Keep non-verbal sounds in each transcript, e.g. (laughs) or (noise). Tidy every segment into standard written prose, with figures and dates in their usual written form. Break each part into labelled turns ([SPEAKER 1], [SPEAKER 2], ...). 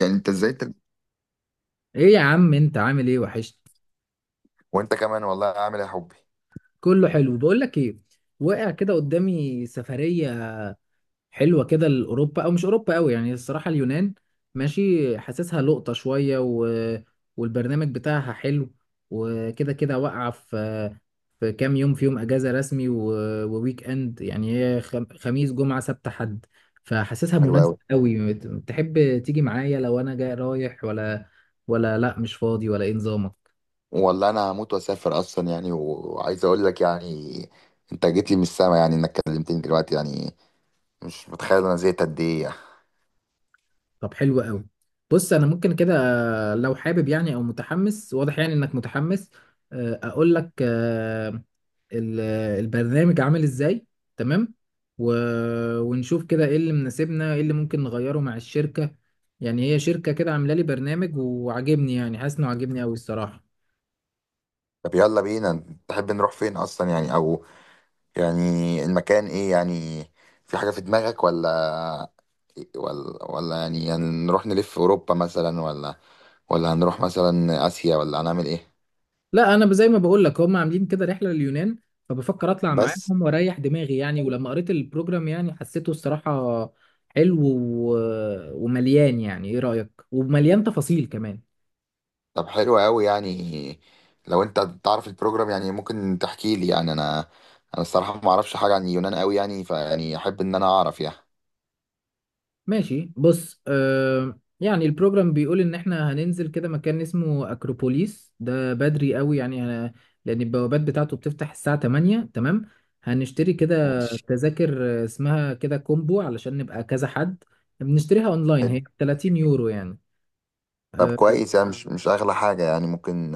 [SPEAKER 1] يعني انت ازاي تب...
[SPEAKER 2] ايه يا عم، انت عامل ايه؟ وحشت.
[SPEAKER 1] وانت كمان والله عامل إيه يا حبي؟
[SPEAKER 2] كله حلو. بقول لك ايه، وقع كده قدامي سفرية حلوة كده لأوروبا، او مش أوروبا قوي يعني، الصراحة اليونان. ماشي، حاسسها لقطة شوية والبرنامج بتاعها حلو. وكده كده واقعة في كام يوم، في يوم اجازة رسمي وويك اند يعني، هي خميس جمعة سبت حد، فحاسسها
[SPEAKER 1] حلو
[SPEAKER 2] مناسبة
[SPEAKER 1] قوي.
[SPEAKER 2] قوي. تحب تيجي معايا لو انا جاي، رايح ولا لا مش فاضي، ولا ايه نظامك؟
[SPEAKER 1] والله انا هموت واسافر اصلا يعني وعايز اقول لك يعني انت جيت لي من السما يعني انك كلمتني دلوقتي يعني. مش متخيل انا زهقت قد ايه يعني.
[SPEAKER 2] طب حلو قوي. بص، انا ممكن كده، لو حابب يعني او متحمس، واضح يعني انك متحمس. اقول لك، ال- البرنامج عامل ازاي. تمام، ونشوف كده ايه اللي مناسبنا، ايه اللي ممكن نغيره مع الشركة. يعني هي شركة كده عاملة لي برنامج وعاجبني، يعني حاسس انه عاجبني قوي الصراحة.
[SPEAKER 1] طب يلا بينا تحب نروح فين اصلا يعني او يعني؟ المكان ايه يعني؟ في حاجة في دماغك، ولا ولا يعني هنروح نلف اوروبا مثلا، ولا هنروح مثلا اسيا، ولا هنعمل ايه؟
[SPEAKER 2] لا، انا زي ما بقول لك هم عاملين كده رحله لليونان، فبفكر اطلع
[SPEAKER 1] بس.
[SPEAKER 2] معاهم واريح دماغي يعني. ولما قريت البروجرام يعني حسيته الصراحه حلو ومليان، يعني ايه رايك، ومليان تفاصيل كمان.
[SPEAKER 1] طب حلو قوي يعني، لو انت تعرف البروجرام يعني ممكن تحكي لي يعني انا الصراحه ما اعرفش حاجه عن اليونان قوي يعني، فيعني احب ان انا اعرف يعني.
[SPEAKER 2] ماشي، بص، يعني البروجرام بيقول ان احنا هننزل كده مكان اسمه اكروبوليس، ده بدري قوي يعني. لان البوابات بتاعته بتفتح الساعه 8 تمام. هنشتري كده
[SPEAKER 1] ماشي.
[SPEAKER 2] تذاكر اسمها كده كومبو علشان نبقى كذا حد، بنشتريها اونلاين،
[SPEAKER 1] حلو.
[SPEAKER 2] هي 30 يورو يعني.
[SPEAKER 1] طب
[SPEAKER 2] اه
[SPEAKER 1] كويس يعني، مش اغلى حاجه يعني ممكن.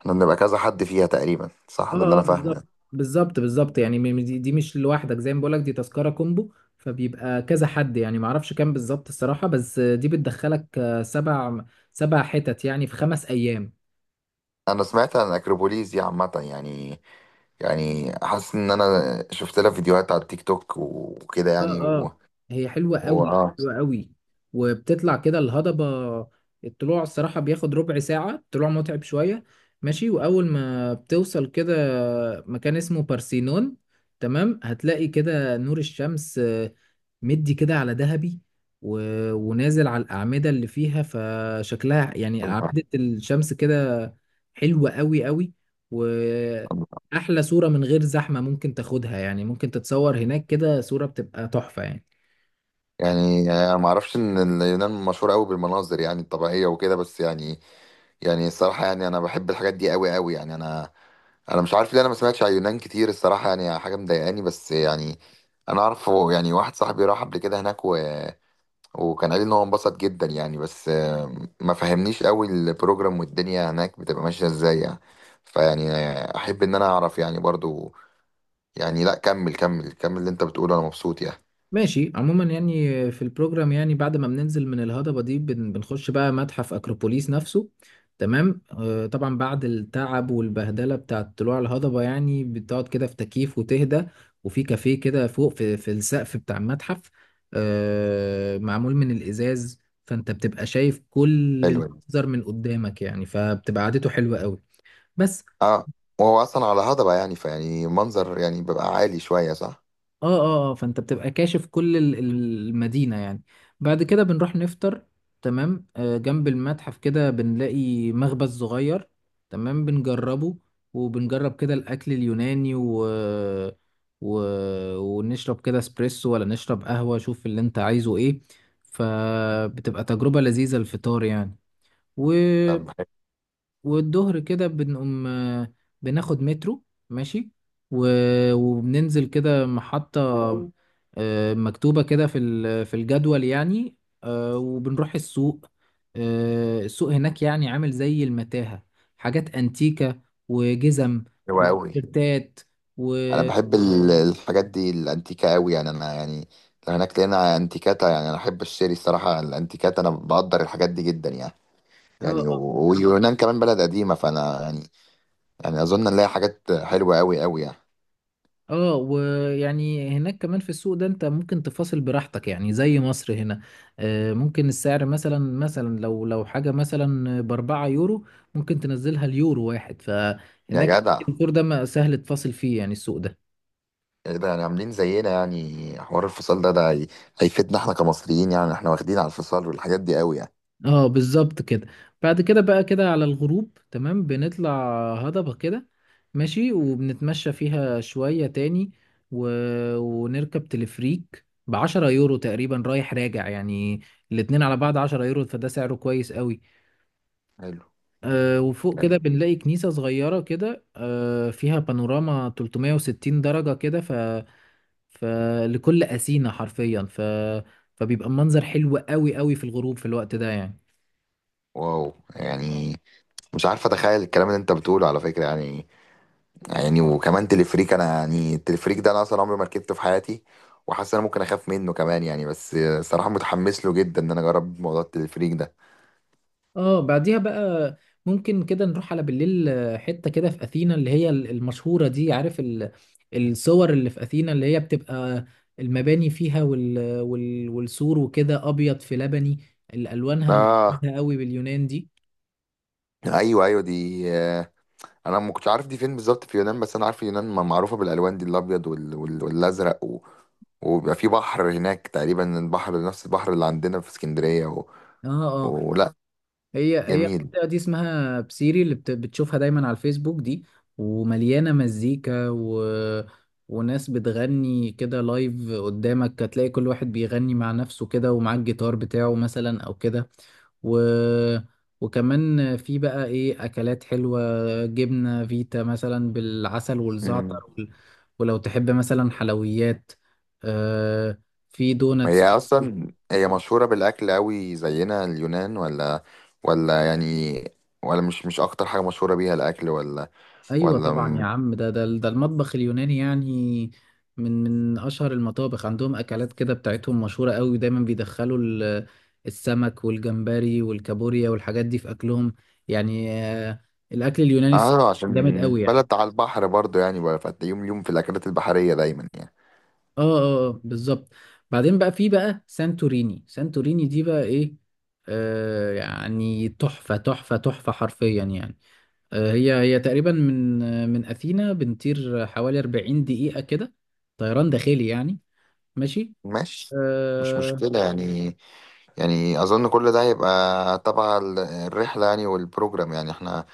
[SPEAKER 1] احنا بنبقى كذا حد فيها تقريبا صح؟ ده اللي
[SPEAKER 2] اه.
[SPEAKER 1] انا فاهمه
[SPEAKER 2] بالظبط
[SPEAKER 1] يعني.
[SPEAKER 2] بالظبط بالظبط يعني، دي مش لوحدك، زي ما بقولك دي تذكرة كومبو، فبيبقى كذا حد يعني، معرفش كام بالظبط الصراحة، بس دي بتدخلك، سبع حتت يعني، في 5 أيام.
[SPEAKER 1] انا سمعت عن الاكروبوليس دي عامه يعني، يعني حاسس ان انا شفت لها فيديوهات على التيك توك وكده
[SPEAKER 2] اه
[SPEAKER 1] يعني و...
[SPEAKER 2] اه، هي حلوة
[SPEAKER 1] و...
[SPEAKER 2] قوي
[SPEAKER 1] آه.
[SPEAKER 2] حلوة قوي. وبتطلع كده الهضبة، الطلوع الصراحة بياخد ربع ساعة، الطلوع متعب شوية. ماشي، وأول ما بتوصل كده مكان اسمه بارسينون، تمام، هتلاقي كده نور الشمس مدي كده على ذهبي و... ونازل على الأعمدة اللي فيها، فشكلها يعني أعمدة الشمس كده، حلوة قوي قوي.
[SPEAKER 1] (laughs)
[SPEAKER 2] احلى صورة من غير زحمة ممكن تاخدها يعني، ممكن تتصور هناك كده صورة بتبقى تحفة يعني.
[SPEAKER 1] يعني انا ما اعرفش ان اليونان مشهوره قوي بالمناظر يعني الطبيعيه وكده بس يعني، يعني الصراحه يعني انا بحب الحاجات دي قوي قوي يعني، انا مش عارف ليه انا ما سمعتش عن اليونان كتير الصراحه يعني، حاجه مضايقاني بس يعني. انا اعرف يعني واحد صاحبي راح قبل كده هناك وكان قال لي ان هو انبسط جدا يعني، بس ما فهمنيش قوي البروجرام والدنيا هناك بتبقى ماشيه ازاي يعني، فيعني احب ان انا اعرف يعني برضو يعني. لا، كمل كمل كمل اللي انت بتقوله، انا مبسوط يعني.
[SPEAKER 2] ماشي، عموما يعني في البروجرام يعني، بعد ما بننزل من الهضبة دي بنخش بقى متحف أكروبوليس نفسه. تمام، طبعا بعد التعب والبهدلة بتاعة طلوع الهضبة يعني بتقعد كده في تكييف وتهدى. وفي كافيه كده فوق في السقف بتاع المتحف، معمول من الإزاز، فأنت بتبقى شايف كل
[SPEAKER 1] حلو.
[SPEAKER 2] المنظر من قدامك يعني، فبتبقى قعدته حلوة قوي. بس.
[SPEAKER 1] اه، وهو اصلا على هضبة يعني فيعني منظر يعني بيبقى عالي شوية صح؟
[SPEAKER 2] اه اه اه، فانت بتبقى كاشف كل المدينة يعني. بعد كده بنروح نفطر. تمام، آه جنب المتحف كده بنلاقي مخبز صغير، تمام بنجربه. وبنجرب كده الأكل اليوناني و... ونشرب كده اسبريسو ولا نشرب قهوة، شوف اللي انت عايزه ايه. فبتبقى تجربة لذيذة الفطار يعني.
[SPEAKER 1] طب بحب.
[SPEAKER 2] والظهر كده بنقوم، بناخد مترو، ماشي، و... وبننزل كده محطة مكتوبة كده في في الجدول يعني. وبنروح السوق. السوق هناك يعني عامل زي المتاهة، حاجات أنتيكة، وجزم،
[SPEAKER 1] حلو قوي.
[SPEAKER 2] وتيشيرتات، و...
[SPEAKER 1] انا بحب الحاجات دي الانتيكة قوي يعني انا يعني، لو هناك لقينا انتيكاتا يعني انا احب اشتري الصراحة الانتيكاتا، انا بقدر الحاجات دي جدا يعني،
[SPEAKER 2] اه
[SPEAKER 1] يعني ويونان كمان بلد قديمة فانا يعني، يعني اظن نلاقي حاجات حلوة قوي قوي يعني.
[SPEAKER 2] اه. ويعني هناك كمان في السوق ده انت ممكن تفاصل براحتك يعني، زي مصر هنا. ممكن السعر مثلا، لو حاجة مثلا ب4 يورو، ممكن تنزلها اليورو واحد.
[SPEAKER 1] يا
[SPEAKER 2] فهناك
[SPEAKER 1] جدع،
[SPEAKER 2] الدور ده سهل تفاصل فيه يعني، السوق ده.
[SPEAKER 1] يعني ده يعني عاملين زينا يعني حوار الفصال ده ده هيفيدنا احنا كمصريين يعني، احنا واخدين على الفصال والحاجات دي قوي يعني.
[SPEAKER 2] اه بالظبط كده. بعد كده بقى كده على الغروب، تمام، بنطلع هضبة كده، ماشي، وبنتمشى فيها شوية تاني و... ونركب تلفريك ب10 يورو تقريبا، رايح راجع يعني، الاتنين على بعض 10 يورو، فده سعره كويس قوي.
[SPEAKER 1] حلو
[SPEAKER 2] آه، وفوق كده
[SPEAKER 1] يعني.
[SPEAKER 2] بنلاقي كنيسة صغيرة كده، آه فيها بانوراما 360 درجة كده، فلكل أسينا حرفيا، فبيبقى المنظر حلو قوي قوي في الغروب في الوقت ده يعني.
[SPEAKER 1] واو يعني، مش عارف اتخيل الكلام اللي انت بتقوله على فكره يعني، يعني وكمان تلفريك انا يعني التلفريك ده انا اصلا عمري ما ركبته في حياتي، وحاسس ان انا ممكن اخاف منه كمان يعني، بس صراحه متحمس له جدا ان انا اجرب موضوع التلفريك ده.
[SPEAKER 2] اه. بعديها بقى ممكن كده نروح على بالليل حتة كده في أثينا، اللي هي المشهورة دي، عارف الصور اللي في أثينا، اللي هي بتبقى المباني فيها، والسور وكده أبيض في لبني، الألوانها
[SPEAKER 1] اه.
[SPEAKER 2] مميزة قوي باليونان دي.
[SPEAKER 1] ايوه ايوه دي انا ما كنتش عارف دي فين بالظبط في اليونان، بس انا عارف اليونان معروفه بالالوان دي الابيض والازرق وبيبقى في بحر هناك تقريبا، البحر نفس البحر اللي عندنا في اسكندريه
[SPEAKER 2] اه،
[SPEAKER 1] ولا؟
[SPEAKER 2] هي هي
[SPEAKER 1] جميل.
[SPEAKER 2] المنطقة دي اسمها بسيري، اللي بتشوفها دايما على الفيسبوك دي. ومليانة مزيكا وناس بتغني كده لايف، قدامك هتلاقي كل واحد بيغني مع نفسه كده، ومعاه الجيتار بتاعه مثلا أو كده و... وكمان في بقى إيه أكلات حلوة، جبنة فيتا مثلا بالعسل والزعتر ولو تحب مثلا حلويات، آه، في
[SPEAKER 1] هي
[SPEAKER 2] دوناتس.
[SPEAKER 1] اصلا هي مشهوره بالاكل قوي زينا اليونان، ولا يعني، ولا مش اكتر حاجه مشهوره بيها الاكل ولا؟
[SPEAKER 2] ايوه
[SPEAKER 1] ولا
[SPEAKER 2] طبعا يا
[SPEAKER 1] م-
[SPEAKER 2] عم، ده المطبخ اليوناني يعني، من اشهر المطابخ، عندهم اكلات كده بتاعتهم مشهوره قوي، دايما بيدخلوا السمك والجمبري والكابوريا والحاجات دي في اكلهم يعني، الاكل اليوناني
[SPEAKER 1] اه،
[SPEAKER 2] جامد قوي
[SPEAKER 1] عشان
[SPEAKER 2] يعني.
[SPEAKER 1] بلد على البحر برضو يعني بقى، فتلاقيهم اليوم في الاكلات البحريه دايما يعني.
[SPEAKER 2] اه اه بالظبط. بعدين بقى في بقى سانتوريني، سانتوريني دي بقى ايه، آه يعني تحفه تحفه تحفه حرفيا يعني. هي هي تقريبا من، من أثينا بنطير حوالي 40 دقيقة كده، طيران داخلي يعني. ماشي.
[SPEAKER 1] ماشي. مش
[SPEAKER 2] أه.
[SPEAKER 1] مشكله يعني، يعني اظن كل ده هيبقى تبع الرحله يعني والبروجرام يعني، احنا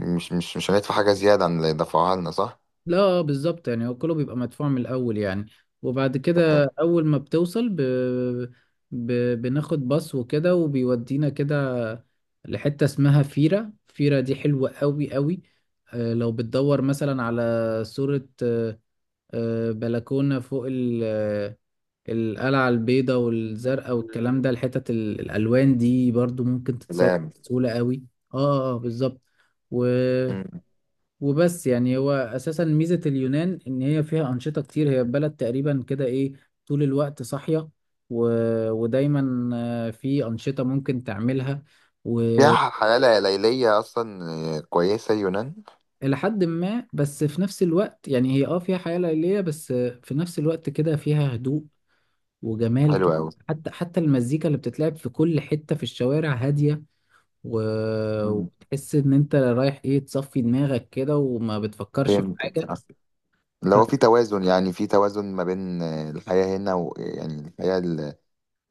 [SPEAKER 1] مش هندفع حاجه زياده عن اللي دفعوها لنا صح؟
[SPEAKER 2] لا، بالظبط يعني، هو كله بيبقى مدفوع من الأول يعني. وبعد
[SPEAKER 1] طب حلو.
[SPEAKER 2] كده أول ما بتوصل ب... بناخد باص وكده، وبيودينا كده لحتة اسمها فيرا، فيرا دي حلوة قوي قوي. أه، لو بتدور مثلا على صورة، أه، بلكونة فوق القلعة البيضاء والزرقاء والكلام ده، الحتت الألوان دي برضو ممكن تتصور
[SPEAKER 1] سلام.
[SPEAKER 2] بسهولة قوي. اه اه بالظبط و... وبس يعني، هو أساسا ميزة اليونان إن هي فيها أنشطة كتير، هي بلد تقريبا كده إيه، طول الوقت صاحية و... ودايما في أنشطة ممكن تعملها،
[SPEAKER 1] فيها
[SPEAKER 2] وإلى
[SPEAKER 1] حياة ليلية أصلا، كويسة يونان.
[SPEAKER 2] حد ما. بس في نفس الوقت يعني هي اه فيها حياة ليلية، بس في نفس الوقت كده فيها هدوء وجمال كده.
[SPEAKER 1] حلوة أوي.
[SPEAKER 2] حتى المزيكا اللي بتتلعب في كل حتة في الشوارع هادية و...
[SPEAKER 1] مم.
[SPEAKER 2] وتحس ان انت رايح ايه، تصفي دماغك كده، وما بتفكرش في
[SPEAKER 1] فهمتك
[SPEAKER 2] حاجة.
[SPEAKER 1] آه. اللي هو
[SPEAKER 2] ف...
[SPEAKER 1] في توازن، يعني في توازن ما بين الحياة هنا، ويعني الحياة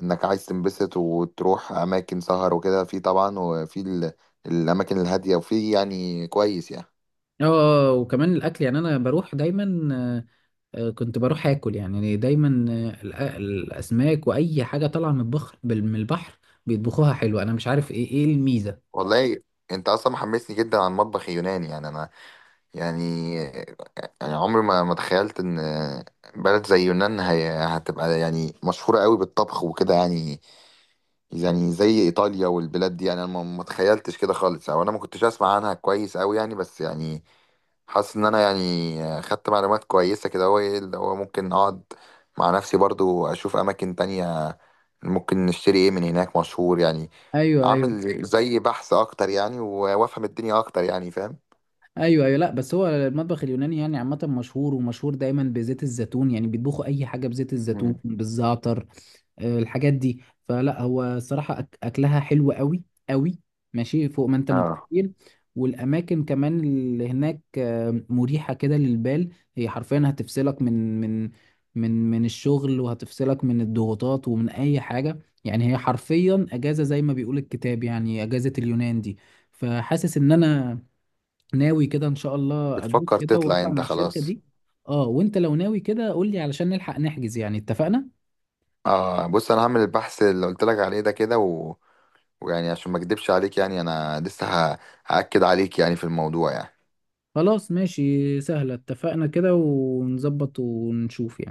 [SPEAKER 1] إنك عايز تنبسط وتروح أماكن سهر وكده، في طبعا وفي الأماكن الهادية، وفي يعني كويس يعني.
[SPEAKER 2] اه، وكمان الاكل، يعني انا بروح دايما، كنت بروح اكل يعني دايما، الاسماك واي حاجة طالعة من البحر، من البحر بيطبخوها حلو، انا مش عارف ايه، الميزة.
[SPEAKER 1] والله أنت أصلا محمسني جدا عن المطبخ اليوناني يعني أنا يعني، يعني عمري ما تخيلت إن بلد زي يونان هي هتبقى يعني مشهورة قوي بالطبخ وكده يعني، يعني زي ايطاليا والبلاد دي يعني، انا ما تخيلتش كده خالص، او انا ما كنتش اسمع عنها كويس قوي يعني بس يعني. حاسس ان انا يعني خدت معلومات كويسه كده، هو ايه اللي هو ممكن اقعد مع نفسي برضو اشوف اماكن تانية، ممكن نشتري ايه من هناك مشهور يعني،
[SPEAKER 2] ايوه ايوه
[SPEAKER 1] اعمل زي بحث اكتر يعني وافهم الدنيا اكتر يعني، فاهم؟
[SPEAKER 2] ايوه ايوه. لا، بس هو المطبخ اليوناني يعني عامة مشهور، ومشهور دايما بزيت الزيتون، يعني بيطبخوا اي حاجة بزيت الزيتون
[SPEAKER 1] مم.
[SPEAKER 2] بالزعتر، الحاجات دي. فلا، هو الصراحة أكلها حلو قوي قوي، ماشي فوق ما أنت
[SPEAKER 1] اه،
[SPEAKER 2] متخيل. والأماكن كمان اللي هناك مريحة كده للبال، هي حرفيا هتفصلك من الشغل، وهتفصلك من الضغوطات ومن أي حاجة يعني. هي حرفيا أجازة زي ما بيقول الكتاب، يعني أجازة اليونان دي. فحاسس إن أنا ناوي كده إن شاء الله أدوس
[SPEAKER 1] بتفكر
[SPEAKER 2] كده،
[SPEAKER 1] تطلع
[SPEAKER 2] وأطلع
[SPEAKER 1] انت
[SPEAKER 2] مع الشركة
[SPEAKER 1] خلاص؟
[SPEAKER 2] دي. أه، وأنت لو ناوي كده قول لي علشان نلحق نحجز يعني، اتفقنا؟
[SPEAKER 1] اه بص، انا هعمل البحث اللي قلت لك عليه ده كده، ويعني عشان ما اكدبش عليك يعني انا لسه ه- هاكد عليك يعني في الموضوع يعني.
[SPEAKER 2] خلاص، ماشي، سهلة، اتفقنا كده، ونظبط ونشوف يعني.